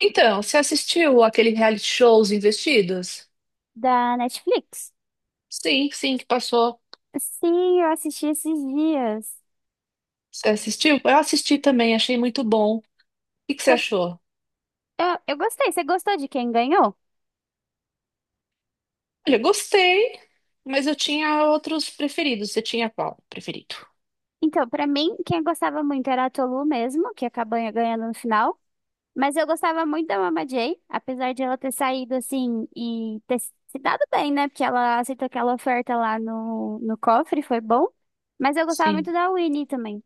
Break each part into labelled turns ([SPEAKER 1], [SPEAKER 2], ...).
[SPEAKER 1] Então, você assistiu aquele reality show Os Investidos?
[SPEAKER 2] Da Netflix.
[SPEAKER 1] Sim, sim, que passou.
[SPEAKER 2] Sim, eu assisti esses dias.
[SPEAKER 1] Você assistiu? Eu assisti também, achei muito bom. O que que você
[SPEAKER 2] Cê-
[SPEAKER 1] achou?
[SPEAKER 2] eu gostei. Você gostou de quem ganhou?
[SPEAKER 1] Olha, gostei, mas eu tinha outros preferidos. Você tinha qual preferido?
[SPEAKER 2] Então, pra mim, quem eu gostava muito era a Tolu mesmo, que acabou ganhando no final. Mas eu gostava muito da Mama Jay, apesar de ela ter saído assim e ter se dado bem, né? Porque ela aceitou aquela oferta lá no cofre, foi bom. Mas eu gostava muito
[SPEAKER 1] Sim.
[SPEAKER 2] da Winnie também.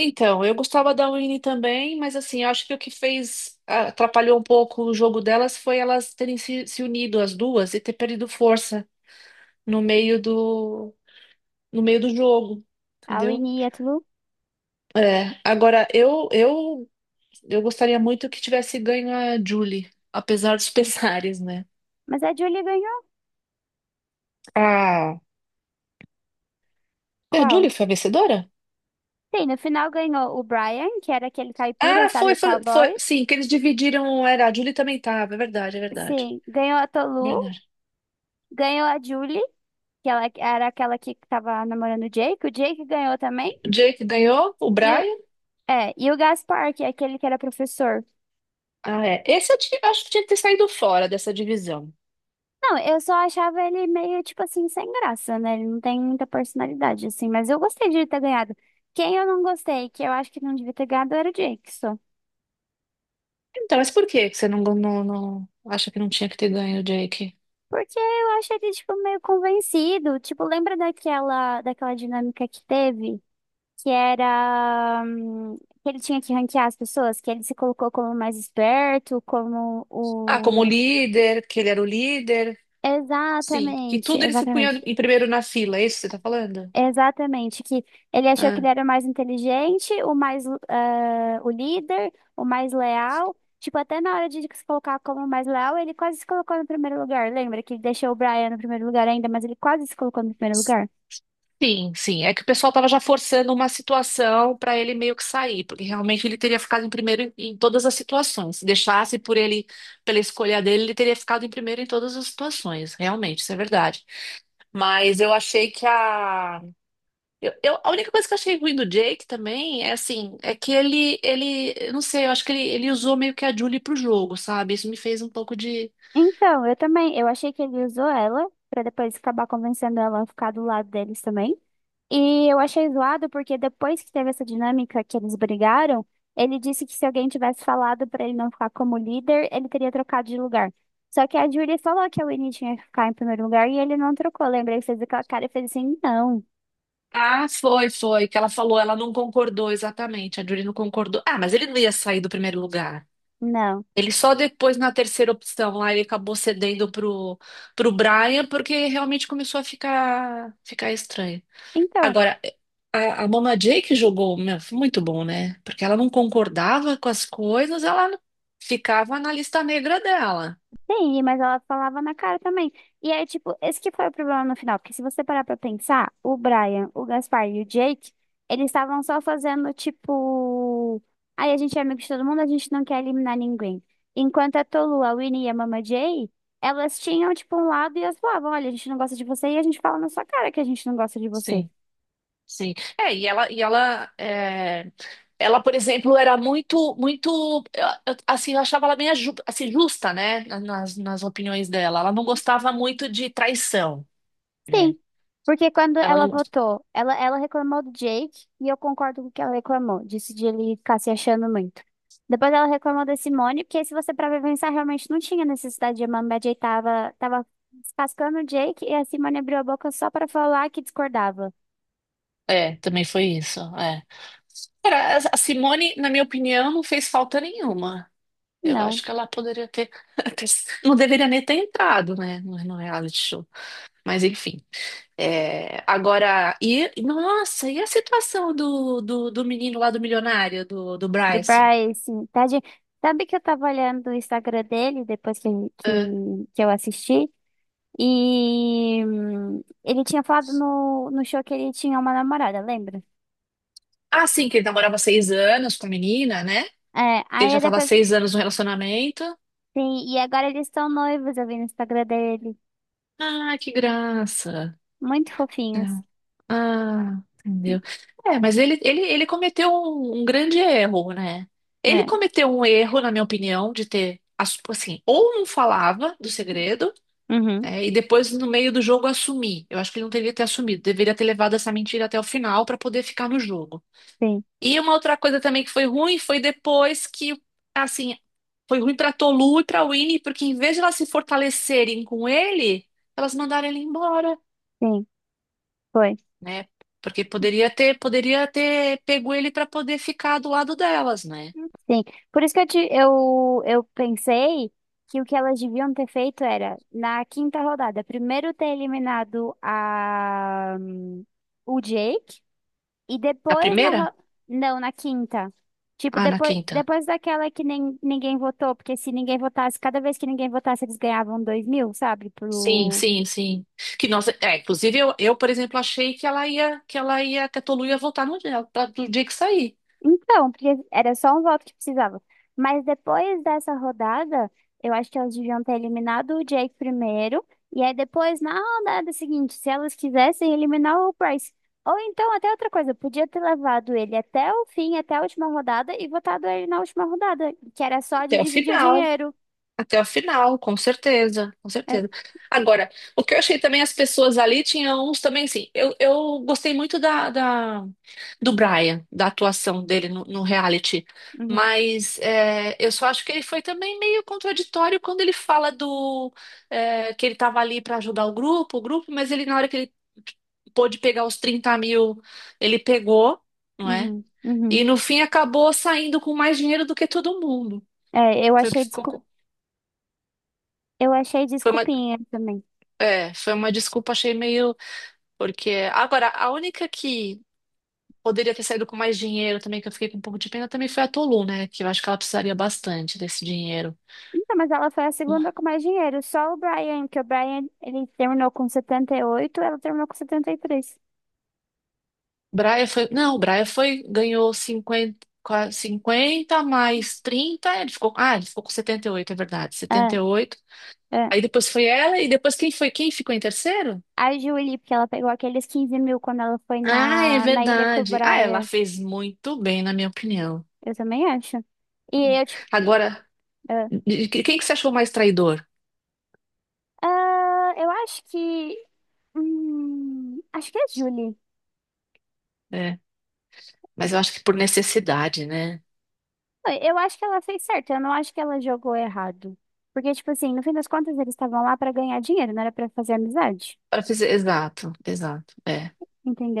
[SPEAKER 1] Então, eu gostava da Winnie também, mas assim, eu acho que o que fez, ah, atrapalhou um pouco o jogo delas foi elas terem se unido as duas e ter perdido força no meio do, no meio do jogo,
[SPEAKER 2] A
[SPEAKER 1] entendeu?
[SPEAKER 2] Winnie e a Tolu.
[SPEAKER 1] É, agora eu gostaria muito que tivesse ganho a Julie, apesar dos pesares, né?
[SPEAKER 2] Mas a Julie ganhou.
[SPEAKER 1] Ah, é, a
[SPEAKER 2] Qual?
[SPEAKER 1] Julie foi a vencedora?
[SPEAKER 2] Sim, no final ganhou o Brian, que era aquele caipira,
[SPEAKER 1] Ah,
[SPEAKER 2] sabe,
[SPEAKER 1] foi,
[SPEAKER 2] o
[SPEAKER 1] foi, foi,
[SPEAKER 2] cowboy.
[SPEAKER 1] sim, que eles dividiram, era, a Julie também tava, é verdade, é verdade,
[SPEAKER 2] Sim, ganhou a
[SPEAKER 1] é
[SPEAKER 2] Tolu,
[SPEAKER 1] verdade.
[SPEAKER 2] ganhou a Julie, que ela era aquela que tava namorando o Jake. O Jake ganhou também.
[SPEAKER 1] O Jake ganhou, o
[SPEAKER 2] E o,
[SPEAKER 1] Brian.
[SPEAKER 2] e o Gaspar, que é aquele que era professor.
[SPEAKER 1] Ah, é. Esse eu acho que tinha que ter saído fora dessa divisão.
[SPEAKER 2] Não, eu só achava ele meio, tipo assim, sem graça, né? Ele não tem muita personalidade, assim. Mas eu gostei de ele ter ganhado. Quem eu não gostei, que eu acho que não devia ter ganhado, era o Jake só.
[SPEAKER 1] Então, mas por que que você acha que não tinha que ter ganho o Jake?
[SPEAKER 2] Porque eu acho ele, tipo, meio convencido. Tipo, lembra daquela dinâmica que teve? que era hum, que ele tinha que ranquear as pessoas, que ele se colocou como o mais esperto, como
[SPEAKER 1] Ah, como
[SPEAKER 2] o.
[SPEAKER 1] líder, que ele era o líder. Sim, que
[SPEAKER 2] Exatamente,
[SPEAKER 1] tudo ele se punha
[SPEAKER 2] exatamente.
[SPEAKER 1] em primeiro na fila, é isso que você tá falando?
[SPEAKER 2] Exatamente, que ele achou que
[SPEAKER 1] Ah,
[SPEAKER 2] ele era o mais inteligente, o mais, o líder, o mais leal. Tipo, até na hora de se colocar como o mais leal, ele quase se colocou no primeiro lugar. Lembra que ele deixou o Brian no primeiro lugar ainda, mas ele quase se colocou no primeiro lugar?
[SPEAKER 1] sim, sim. É que o pessoal tava já forçando uma situação para ele meio que sair, porque realmente ele teria ficado em primeiro em todas as situações. Se deixasse por ele, pela escolha dele, ele teria ficado em primeiro em todas as situações. Realmente, isso é verdade. Mas eu achei que a. A única coisa que eu achei ruim do Jake também é assim, é que eu não sei, eu acho que ele usou meio que a Julie pro jogo, sabe? Isso me fez um pouco de.
[SPEAKER 2] Então, eu também, eu achei que ele usou ela pra depois acabar convencendo ela a ficar do lado deles também. E eu achei zoado porque depois que teve essa dinâmica que eles brigaram, ele disse que se alguém tivesse falado pra ele não ficar como líder, ele teria trocado de lugar. Só que a Julie falou que a Winnie tinha que ficar em primeiro lugar e ele não trocou. Lembra? Ele fez aquela cara e fez assim: não,
[SPEAKER 1] Ah, foi, foi, que ela falou, ela não concordou exatamente, a Julie não concordou. Ah, mas ele não ia sair do primeiro lugar.
[SPEAKER 2] não.
[SPEAKER 1] Ele só depois, na terceira opção, lá ele acabou cedendo pro Brian, porque realmente começou a ficar estranho.
[SPEAKER 2] Então.
[SPEAKER 1] Agora, a Mama Jay que jogou, meu, foi muito bom, né? Porque ela não concordava com as coisas, ela ficava na lista negra dela.
[SPEAKER 2] Sim, mas ela falava na cara também. E aí, tipo, esse que foi o problema no final. Porque se você parar pra pensar, o Brian, o Gaspar e o Jake, eles estavam só fazendo, tipo. Aí a gente é amigo de todo mundo, a gente não quer eliminar ninguém. Enquanto a Tolu, a Winnie e a Mama Jay, elas tinham, tipo, um lado e elas falavam: olha, a gente não gosta de você e a gente fala na sua cara que a gente não gosta de você.
[SPEAKER 1] Sim, sim. É, ela, por exemplo, era muito, muito, assim, eu achava ela bem assim, justa, né? Nas opiniões dela. Ela não gostava muito de traição, né?
[SPEAKER 2] Sim, porque quando
[SPEAKER 1] Ela
[SPEAKER 2] ela
[SPEAKER 1] não gosta.
[SPEAKER 2] votou, ela reclamou do Jake e eu concordo com o que ela reclamou, disse de ele ficar se achando muito. Depois ela reclamou da Simone, porque se você parar pra pensar, realmente não tinha necessidade de Amanda Jay tava descascando o Jake e a Simone abriu a boca só pra falar que discordava.
[SPEAKER 1] É, também foi isso, é. Cara, a Simone, na minha opinião, não fez falta nenhuma. Eu
[SPEAKER 2] Não,
[SPEAKER 1] acho que ela poderia ter- não deveria nem ter entrado, né, no reality show. Mas enfim. É, agora, e nossa, e a situação do menino lá do milionário, do
[SPEAKER 2] do
[SPEAKER 1] Bryce?
[SPEAKER 2] Bryce, tadinho. Sabe que eu tava olhando o Instagram dele depois que,
[SPEAKER 1] É.
[SPEAKER 2] que eu assisti? E ele tinha falado no show que ele tinha uma namorada, lembra?
[SPEAKER 1] Ah, sim, que ele namorava 6 anos com a menina, né?
[SPEAKER 2] É,
[SPEAKER 1] Ele
[SPEAKER 2] aí
[SPEAKER 1] já
[SPEAKER 2] eu
[SPEAKER 1] estava há
[SPEAKER 2] depois,
[SPEAKER 1] 6 anos no relacionamento.
[SPEAKER 2] sim, e agora eles estão noivos, eu vi no Instagram dele.
[SPEAKER 1] Ah, que graça.
[SPEAKER 2] Muito
[SPEAKER 1] É.
[SPEAKER 2] fofinhos.
[SPEAKER 1] Ah, entendeu? É, mas ele cometeu um grande erro, né? Ele
[SPEAKER 2] É,
[SPEAKER 1] cometeu um erro, na minha opinião, de assim, ou não falava do segredo,
[SPEAKER 2] uhum,
[SPEAKER 1] né, e depois no meio do jogo assumir. Eu acho que ele não deveria ter assumido, deveria ter levado essa mentira até o final para poder ficar no jogo.
[SPEAKER 2] sim,
[SPEAKER 1] E uma outra coisa também que foi ruim foi depois assim, foi ruim para Tolu e para Winnie, porque em vez de elas se fortalecerem com ele, elas mandaram ele embora,
[SPEAKER 2] sim, foi.
[SPEAKER 1] né? Porque poderia ter pego ele para poder ficar do lado delas, né?
[SPEAKER 2] Sim, por isso que eu pensei que o que elas deviam ter feito era, na quinta rodada, primeiro ter eliminado o Jake e
[SPEAKER 1] Na
[SPEAKER 2] depois
[SPEAKER 1] primeira?
[SPEAKER 2] não, na quinta. Tipo,
[SPEAKER 1] Ah, na
[SPEAKER 2] depois,
[SPEAKER 1] quinta.
[SPEAKER 2] depois daquela que nem, ninguém votou, porque se ninguém votasse, cada vez que ninguém votasse, eles ganhavam 2.000, sabe?
[SPEAKER 1] Sim, sim, sim. Que nós, é, inclusive eu, por exemplo, achei que a Tolu ia voltar no dia, do dia que sair.
[SPEAKER 2] Então, porque era só um voto que precisava. Mas depois dessa rodada, eu acho que elas deviam ter eliminado o Jake primeiro. E aí depois, na rodada seguinte, se elas quisessem eliminar o Bryce. Ou então, até outra coisa, podia ter levado ele até o fim, até a última rodada, e votado ele na última rodada, que era só de
[SPEAKER 1] Até o
[SPEAKER 2] dividir o
[SPEAKER 1] final.
[SPEAKER 2] dinheiro.
[SPEAKER 1] Até o final, com certeza, com
[SPEAKER 2] É,
[SPEAKER 1] certeza. Agora, o que eu achei também, as pessoas ali tinham uns também, assim, eu gostei muito do Brian, da atuação dele no reality,
[SPEAKER 2] uhum,
[SPEAKER 1] mas é, eu só acho que ele foi também meio contraditório quando ele fala do é, que ele tava ali para ajudar o grupo, mas ele, na hora que ele pôde pegar os 30 mil, ele pegou, não é?
[SPEAKER 2] uhum, uhum.
[SPEAKER 1] E no fim acabou saindo com mais dinheiro do que todo mundo.
[SPEAKER 2] É, eu
[SPEAKER 1] Foi o que
[SPEAKER 2] achei desculpa,
[SPEAKER 1] ficou.
[SPEAKER 2] eu achei desculpinha também.
[SPEAKER 1] É, foi uma desculpa, achei meio. Porque. Agora, a única que poderia ter saído com mais dinheiro também, que eu fiquei com um pouco de pena, também foi a Tolu, né? Que eu acho que ela precisaria bastante desse dinheiro.
[SPEAKER 2] Então, mas ela foi a segunda com mais dinheiro. Só o Brian, que o Brian, ele terminou com 78, ela terminou com 73.
[SPEAKER 1] Braia foi. Não, o Braia foi. Ganhou 50 mais 30. Ele ficou... Ah, ele ficou com 78, é verdade.
[SPEAKER 2] É,
[SPEAKER 1] 78.
[SPEAKER 2] é.
[SPEAKER 1] Aí depois foi ela, e depois quem foi? Quem ficou em terceiro?
[SPEAKER 2] A Julie, porque ela pegou aqueles 15.000 quando ela foi
[SPEAKER 1] Ah, é
[SPEAKER 2] na Ilha com o
[SPEAKER 1] verdade. Ah, ela
[SPEAKER 2] Brian.
[SPEAKER 1] fez muito bem, na minha opinião.
[SPEAKER 2] Eu também acho. E eu, tipo,
[SPEAKER 1] Agora,
[SPEAKER 2] é.
[SPEAKER 1] quem que você achou mais traidor?
[SPEAKER 2] Ah, eu acho que. Acho que é a Julie.
[SPEAKER 1] É. Mas eu acho que por necessidade, né?
[SPEAKER 2] Eu acho que ela fez certo, eu não acho que ela jogou errado. Porque, tipo assim, no fim das contas, eles estavam lá pra ganhar dinheiro, não era pra fazer amizade.
[SPEAKER 1] Para fazer, exato, exato. É,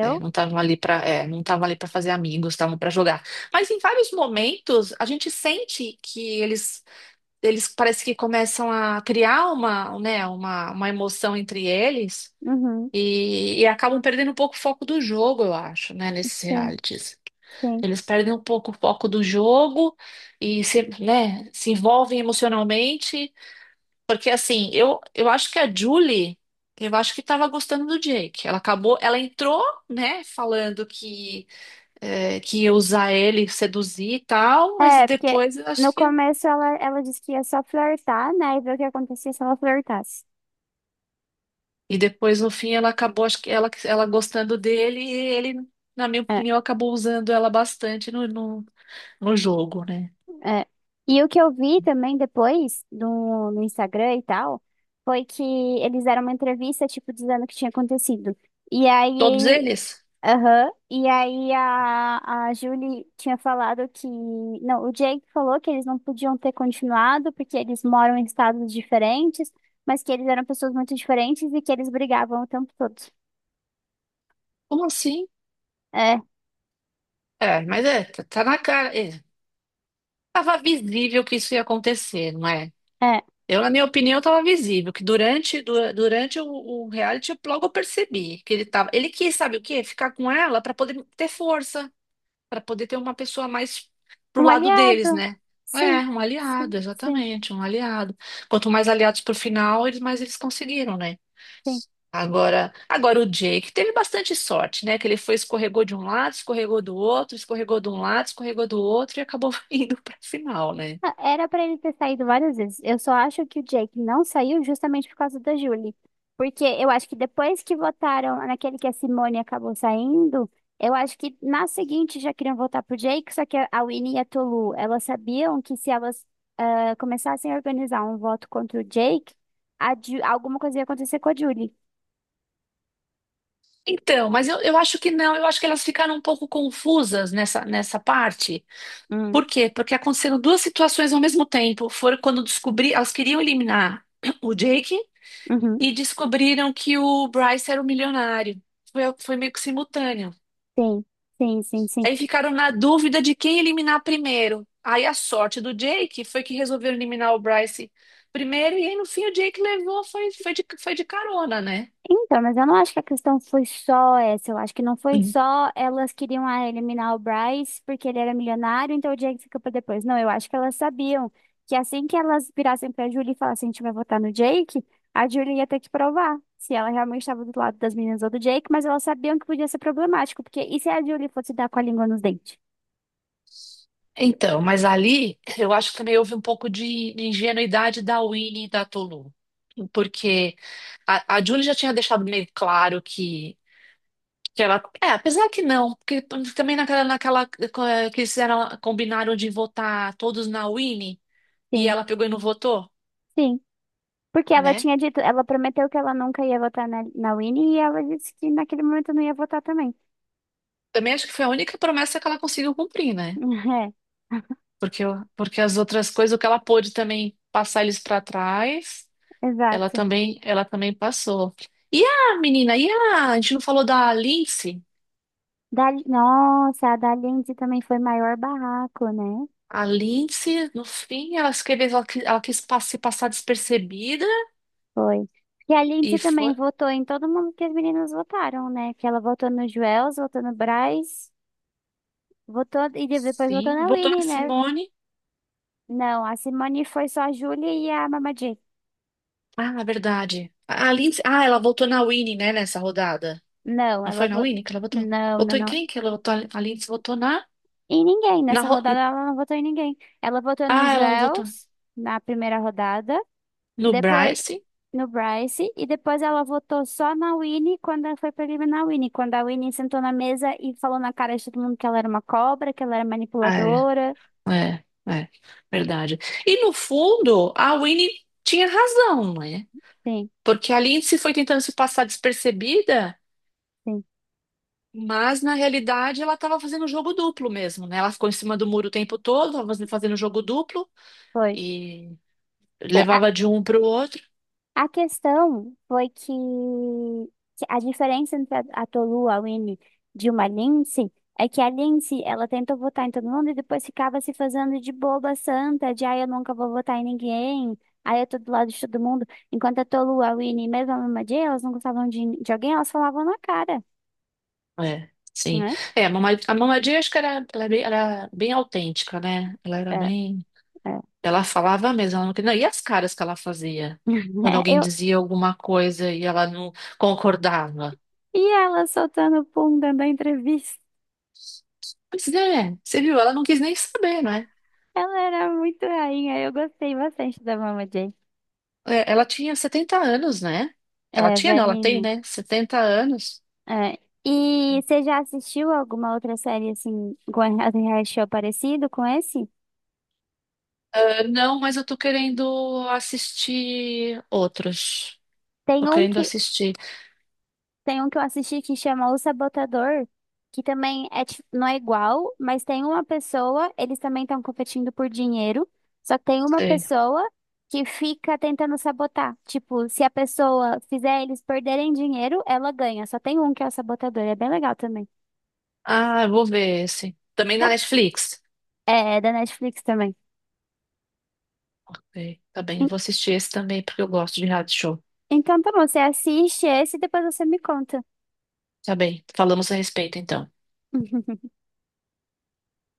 [SPEAKER 1] é, não estavam ali para, é, não estavam ali para fazer amigos, estavam para jogar. Mas em vários momentos a gente sente que eles parece que começam a criar uma, né, uma emoção entre eles
[SPEAKER 2] Uhum.
[SPEAKER 1] e acabam perdendo um pouco o foco do jogo, eu acho, né, nesses
[SPEAKER 2] Sim,
[SPEAKER 1] realities.
[SPEAKER 2] sim.
[SPEAKER 1] Eles perdem um pouco o foco do jogo e se, né, se envolvem emocionalmente. Porque assim, eu acho que a Julie, eu acho que tava gostando do Jake. Ela acabou, ela entrou, né, falando que, é, que ia usar ele, seduzir e tal, mas e
[SPEAKER 2] É, porque
[SPEAKER 1] depois eu
[SPEAKER 2] no
[SPEAKER 1] acho que.
[SPEAKER 2] começo ela disse que ia só flertar, né? E ver o que acontecia se ela flertasse.
[SPEAKER 1] E depois, no fim, ela acabou, acho que ela gostando dele, e ele, na minha
[SPEAKER 2] É,
[SPEAKER 1] opinião, acabou usando ela bastante no jogo, né?
[SPEAKER 2] é. E o que eu vi também depois no Instagram e tal, foi que eles deram uma entrevista, tipo, dizendo o que tinha acontecido. E
[SPEAKER 1] Todos
[SPEAKER 2] aí,
[SPEAKER 1] eles?
[SPEAKER 2] aham, e aí a Julie tinha falado que, não, o Jake falou que eles não podiam ter continuado porque eles moram em estados diferentes, mas que eles eram pessoas muito diferentes e que eles brigavam o tempo todo.
[SPEAKER 1] Como assim?
[SPEAKER 2] É,
[SPEAKER 1] É, mas é, tá, tá na cara. É. Tava visível que isso ia acontecer, não é?
[SPEAKER 2] é.
[SPEAKER 1] Eu, na minha opinião, estava visível, que durante o reality, eu logo percebi que ele tava. Ele quis, sabe o quê? Ficar com ela para poder ter força, para poder ter uma pessoa mais pro
[SPEAKER 2] Um
[SPEAKER 1] lado deles,
[SPEAKER 2] aliado.
[SPEAKER 1] né? É,
[SPEAKER 2] Sim,
[SPEAKER 1] um aliado,
[SPEAKER 2] sim, sim,
[SPEAKER 1] exatamente, um aliado. Quanto mais aliados pro final, eles mais eles conseguiram, né?
[SPEAKER 2] sim.
[SPEAKER 1] Agora, agora o Jake teve bastante sorte, né? Que ele foi, escorregou de um lado, escorregou do outro, escorregou de um lado, escorregou do outro e acabou indo para final, né?
[SPEAKER 2] Ah, era pra ele ter saído várias vezes. Eu só acho que o Jake não saiu justamente por causa da Julie. Porque eu acho que depois que votaram naquele que a Simone acabou saindo, eu acho que na seguinte já queriam votar pro Jake, só que a Winnie e a Tolu, elas sabiam que se elas começassem a organizar um voto contra o Jake, alguma coisa ia acontecer com a Julie.
[SPEAKER 1] Então, mas eu acho que não, eu acho que elas ficaram um pouco confusas nessa parte.
[SPEAKER 2] Hum,
[SPEAKER 1] Por quê? Porque aconteceram duas situações ao mesmo tempo. Foram quando descobri, elas queriam eliminar o Jake
[SPEAKER 2] uhum.
[SPEAKER 1] e descobriram que o Bryce era o milionário. Foi, foi meio que simultâneo.
[SPEAKER 2] Sim, sim, sim, sim.
[SPEAKER 1] Aí ficaram na dúvida de quem eliminar primeiro. Aí a sorte do Jake foi que resolveram eliminar o Bryce primeiro, e aí no fim o Jake levou, foi, foi de carona, né?
[SPEAKER 2] Então, mas eu não acho que a questão foi só essa. Eu acho que não foi só elas queriam eliminar o Bryce porque ele era milionário, então o Jake fica pra depois. Não, eu acho que elas sabiam que assim que elas virassem pra Julie e falassem, a gente vai votar no Jake, a Julie ia ter que provar se ela realmente estava do lado das meninas ou do Jake, mas elas sabiam que podia ser problemático, porque e se a Julie fosse dar com a língua nos dentes?
[SPEAKER 1] Então, mas ali eu acho que também houve um pouco de ingenuidade da Winnie e da Tolu. Porque a Julie já tinha deixado meio claro que ela. É, apesar que não, porque também naquela que eles fizeram- combinaram de votar todos na Winnie e
[SPEAKER 2] Sim,
[SPEAKER 1] ela pegou e não votou,
[SPEAKER 2] sim. Porque ela
[SPEAKER 1] né?
[SPEAKER 2] tinha dito, ela prometeu que ela nunca ia votar na Winnie e ela disse que naquele momento não ia votar também.
[SPEAKER 1] Também acho que foi a única promessa que ela conseguiu cumprir, né? Porque, o- porque as outras coisas, o que ela pôde também passar eles para trás.
[SPEAKER 2] É, exato.
[SPEAKER 1] Ela também passou. E a menina, e a gente não falou da Lindsay?
[SPEAKER 2] Nossa, a da Lindsay também foi maior barraco, né?
[SPEAKER 1] A Lindsay, no fim, ela escreveu, ela, ela quis se passar despercebida
[SPEAKER 2] Foi. Porque a Lindsay
[SPEAKER 1] e
[SPEAKER 2] também
[SPEAKER 1] foi.
[SPEAKER 2] votou em todo mundo que as meninas votaram, né? Que ela votou no Joels, votou no Braz, votou e depois votou
[SPEAKER 1] Sim,
[SPEAKER 2] na
[SPEAKER 1] voltou
[SPEAKER 2] Winnie,
[SPEAKER 1] na
[SPEAKER 2] né?
[SPEAKER 1] Simone.
[SPEAKER 2] Não, a Simone foi só a Júlia e a Mama J.
[SPEAKER 1] Ah, na verdade. A Lindsay, ah, ela voltou na Winnie, né, nessa rodada.
[SPEAKER 2] Não,
[SPEAKER 1] Não
[SPEAKER 2] ela
[SPEAKER 1] foi na
[SPEAKER 2] votou.
[SPEAKER 1] Winnie que ela votou?
[SPEAKER 2] Não, não,
[SPEAKER 1] Votou em
[SPEAKER 2] não.
[SPEAKER 1] quem que ela votou? A Lindsay votou na,
[SPEAKER 2] Em ninguém.
[SPEAKER 1] na.
[SPEAKER 2] Nessa
[SPEAKER 1] ro-
[SPEAKER 2] rodada ela não votou em ninguém. Ela votou no
[SPEAKER 1] ah, ela não votou.
[SPEAKER 2] Joels na primeira rodada.
[SPEAKER 1] No
[SPEAKER 2] Depois
[SPEAKER 1] Bryce?
[SPEAKER 2] no Bryce e depois ela votou só na Winnie quando ela foi pra eliminar a Winnie, quando a Winnie sentou na mesa e falou na cara de todo mundo que ela era uma cobra, que ela era
[SPEAKER 1] Ah, é,
[SPEAKER 2] manipuladora.
[SPEAKER 1] é, é, verdade. E no fundo, a Winnie tinha razão, né?
[SPEAKER 2] Sim,
[SPEAKER 1] Porque a Lindsay foi tentando se passar despercebida,
[SPEAKER 2] sim,
[SPEAKER 1] mas na realidade ela estava fazendo jogo duplo mesmo, né? Ela ficou em cima do muro o tempo todo, estava fazendo jogo duplo
[SPEAKER 2] foi.
[SPEAKER 1] e
[SPEAKER 2] Sim,
[SPEAKER 1] levava de um para o outro.
[SPEAKER 2] a questão foi que a diferença entre a Tolua, a Winnie, de uma Lindsay, é que a Lindsay, ela tentou votar em todo mundo e depois ficava se fazendo de boba santa, de, ah, eu nunca vou votar em ninguém, aí eu tô do lado de todo mundo. Enquanto a Tolua, a Winnie, mesmo a Mama Jay, elas não gostavam de alguém, elas falavam na cara,
[SPEAKER 1] É, sim.
[SPEAKER 2] né?
[SPEAKER 1] É, a Mama Jay, acho que era, ela é era bem autêntica, né? Ela era
[SPEAKER 2] É,
[SPEAKER 1] bem.
[SPEAKER 2] é.
[SPEAKER 1] Ela falava mesmo, ela não queria. E as caras que ela fazia? Quando
[SPEAKER 2] É,
[SPEAKER 1] alguém dizia alguma coisa e ela não concordava.
[SPEAKER 2] E ela soltando o pum, dando a entrevista.
[SPEAKER 1] Pois é, você viu? Ela não quis nem saber, né?
[SPEAKER 2] Ela era muito rainha, eu gostei bastante da Mama Jay.
[SPEAKER 1] É, ela tinha 70 anos, né? Ela
[SPEAKER 2] É,
[SPEAKER 1] tinha, não, ela tem,
[SPEAKER 2] velhinho.
[SPEAKER 1] né? 70 anos.
[SPEAKER 2] É. E você já assistiu alguma outra série assim, com reality show parecido com esse?
[SPEAKER 1] Ah, não, mas eu tô querendo assistir outros.
[SPEAKER 2] Tem
[SPEAKER 1] Tô
[SPEAKER 2] um
[SPEAKER 1] querendo
[SPEAKER 2] que,
[SPEAKER 1] assistir.
[SPEAKER 2] tem um que eu assisti que chama O Sabotador, que também é, não é igual, mas tem uma pessoa, eles também estão competindo por dinheiro, só que tem uma
[SPEAKER 1] Sei.
[SPEAKER 2] pessoa que fica tentando sabotar. Tipo, se a pessoa fizer eles perderem dinheiro, ela ganha. Só tem um que é o sabotador, é bem legal também.
[SPEAKER 1] Ah, eu vou ver esse. Também na Netflix.
[SPEAKER 2] É da Netflix também.
[SPEAKER 1] Ok, tá bem. Eu vou
[SPEAKER 2] En-
[SPEAKER 1] assistir esse também porque eu gosto de reality show.
[SPEAKER 2] Então tá bom, você assiste esse e depois você me conta.
[SPEAKER 1] Tá bem. Falamos a respeito, então.
[SPEAKER 2] Uhum.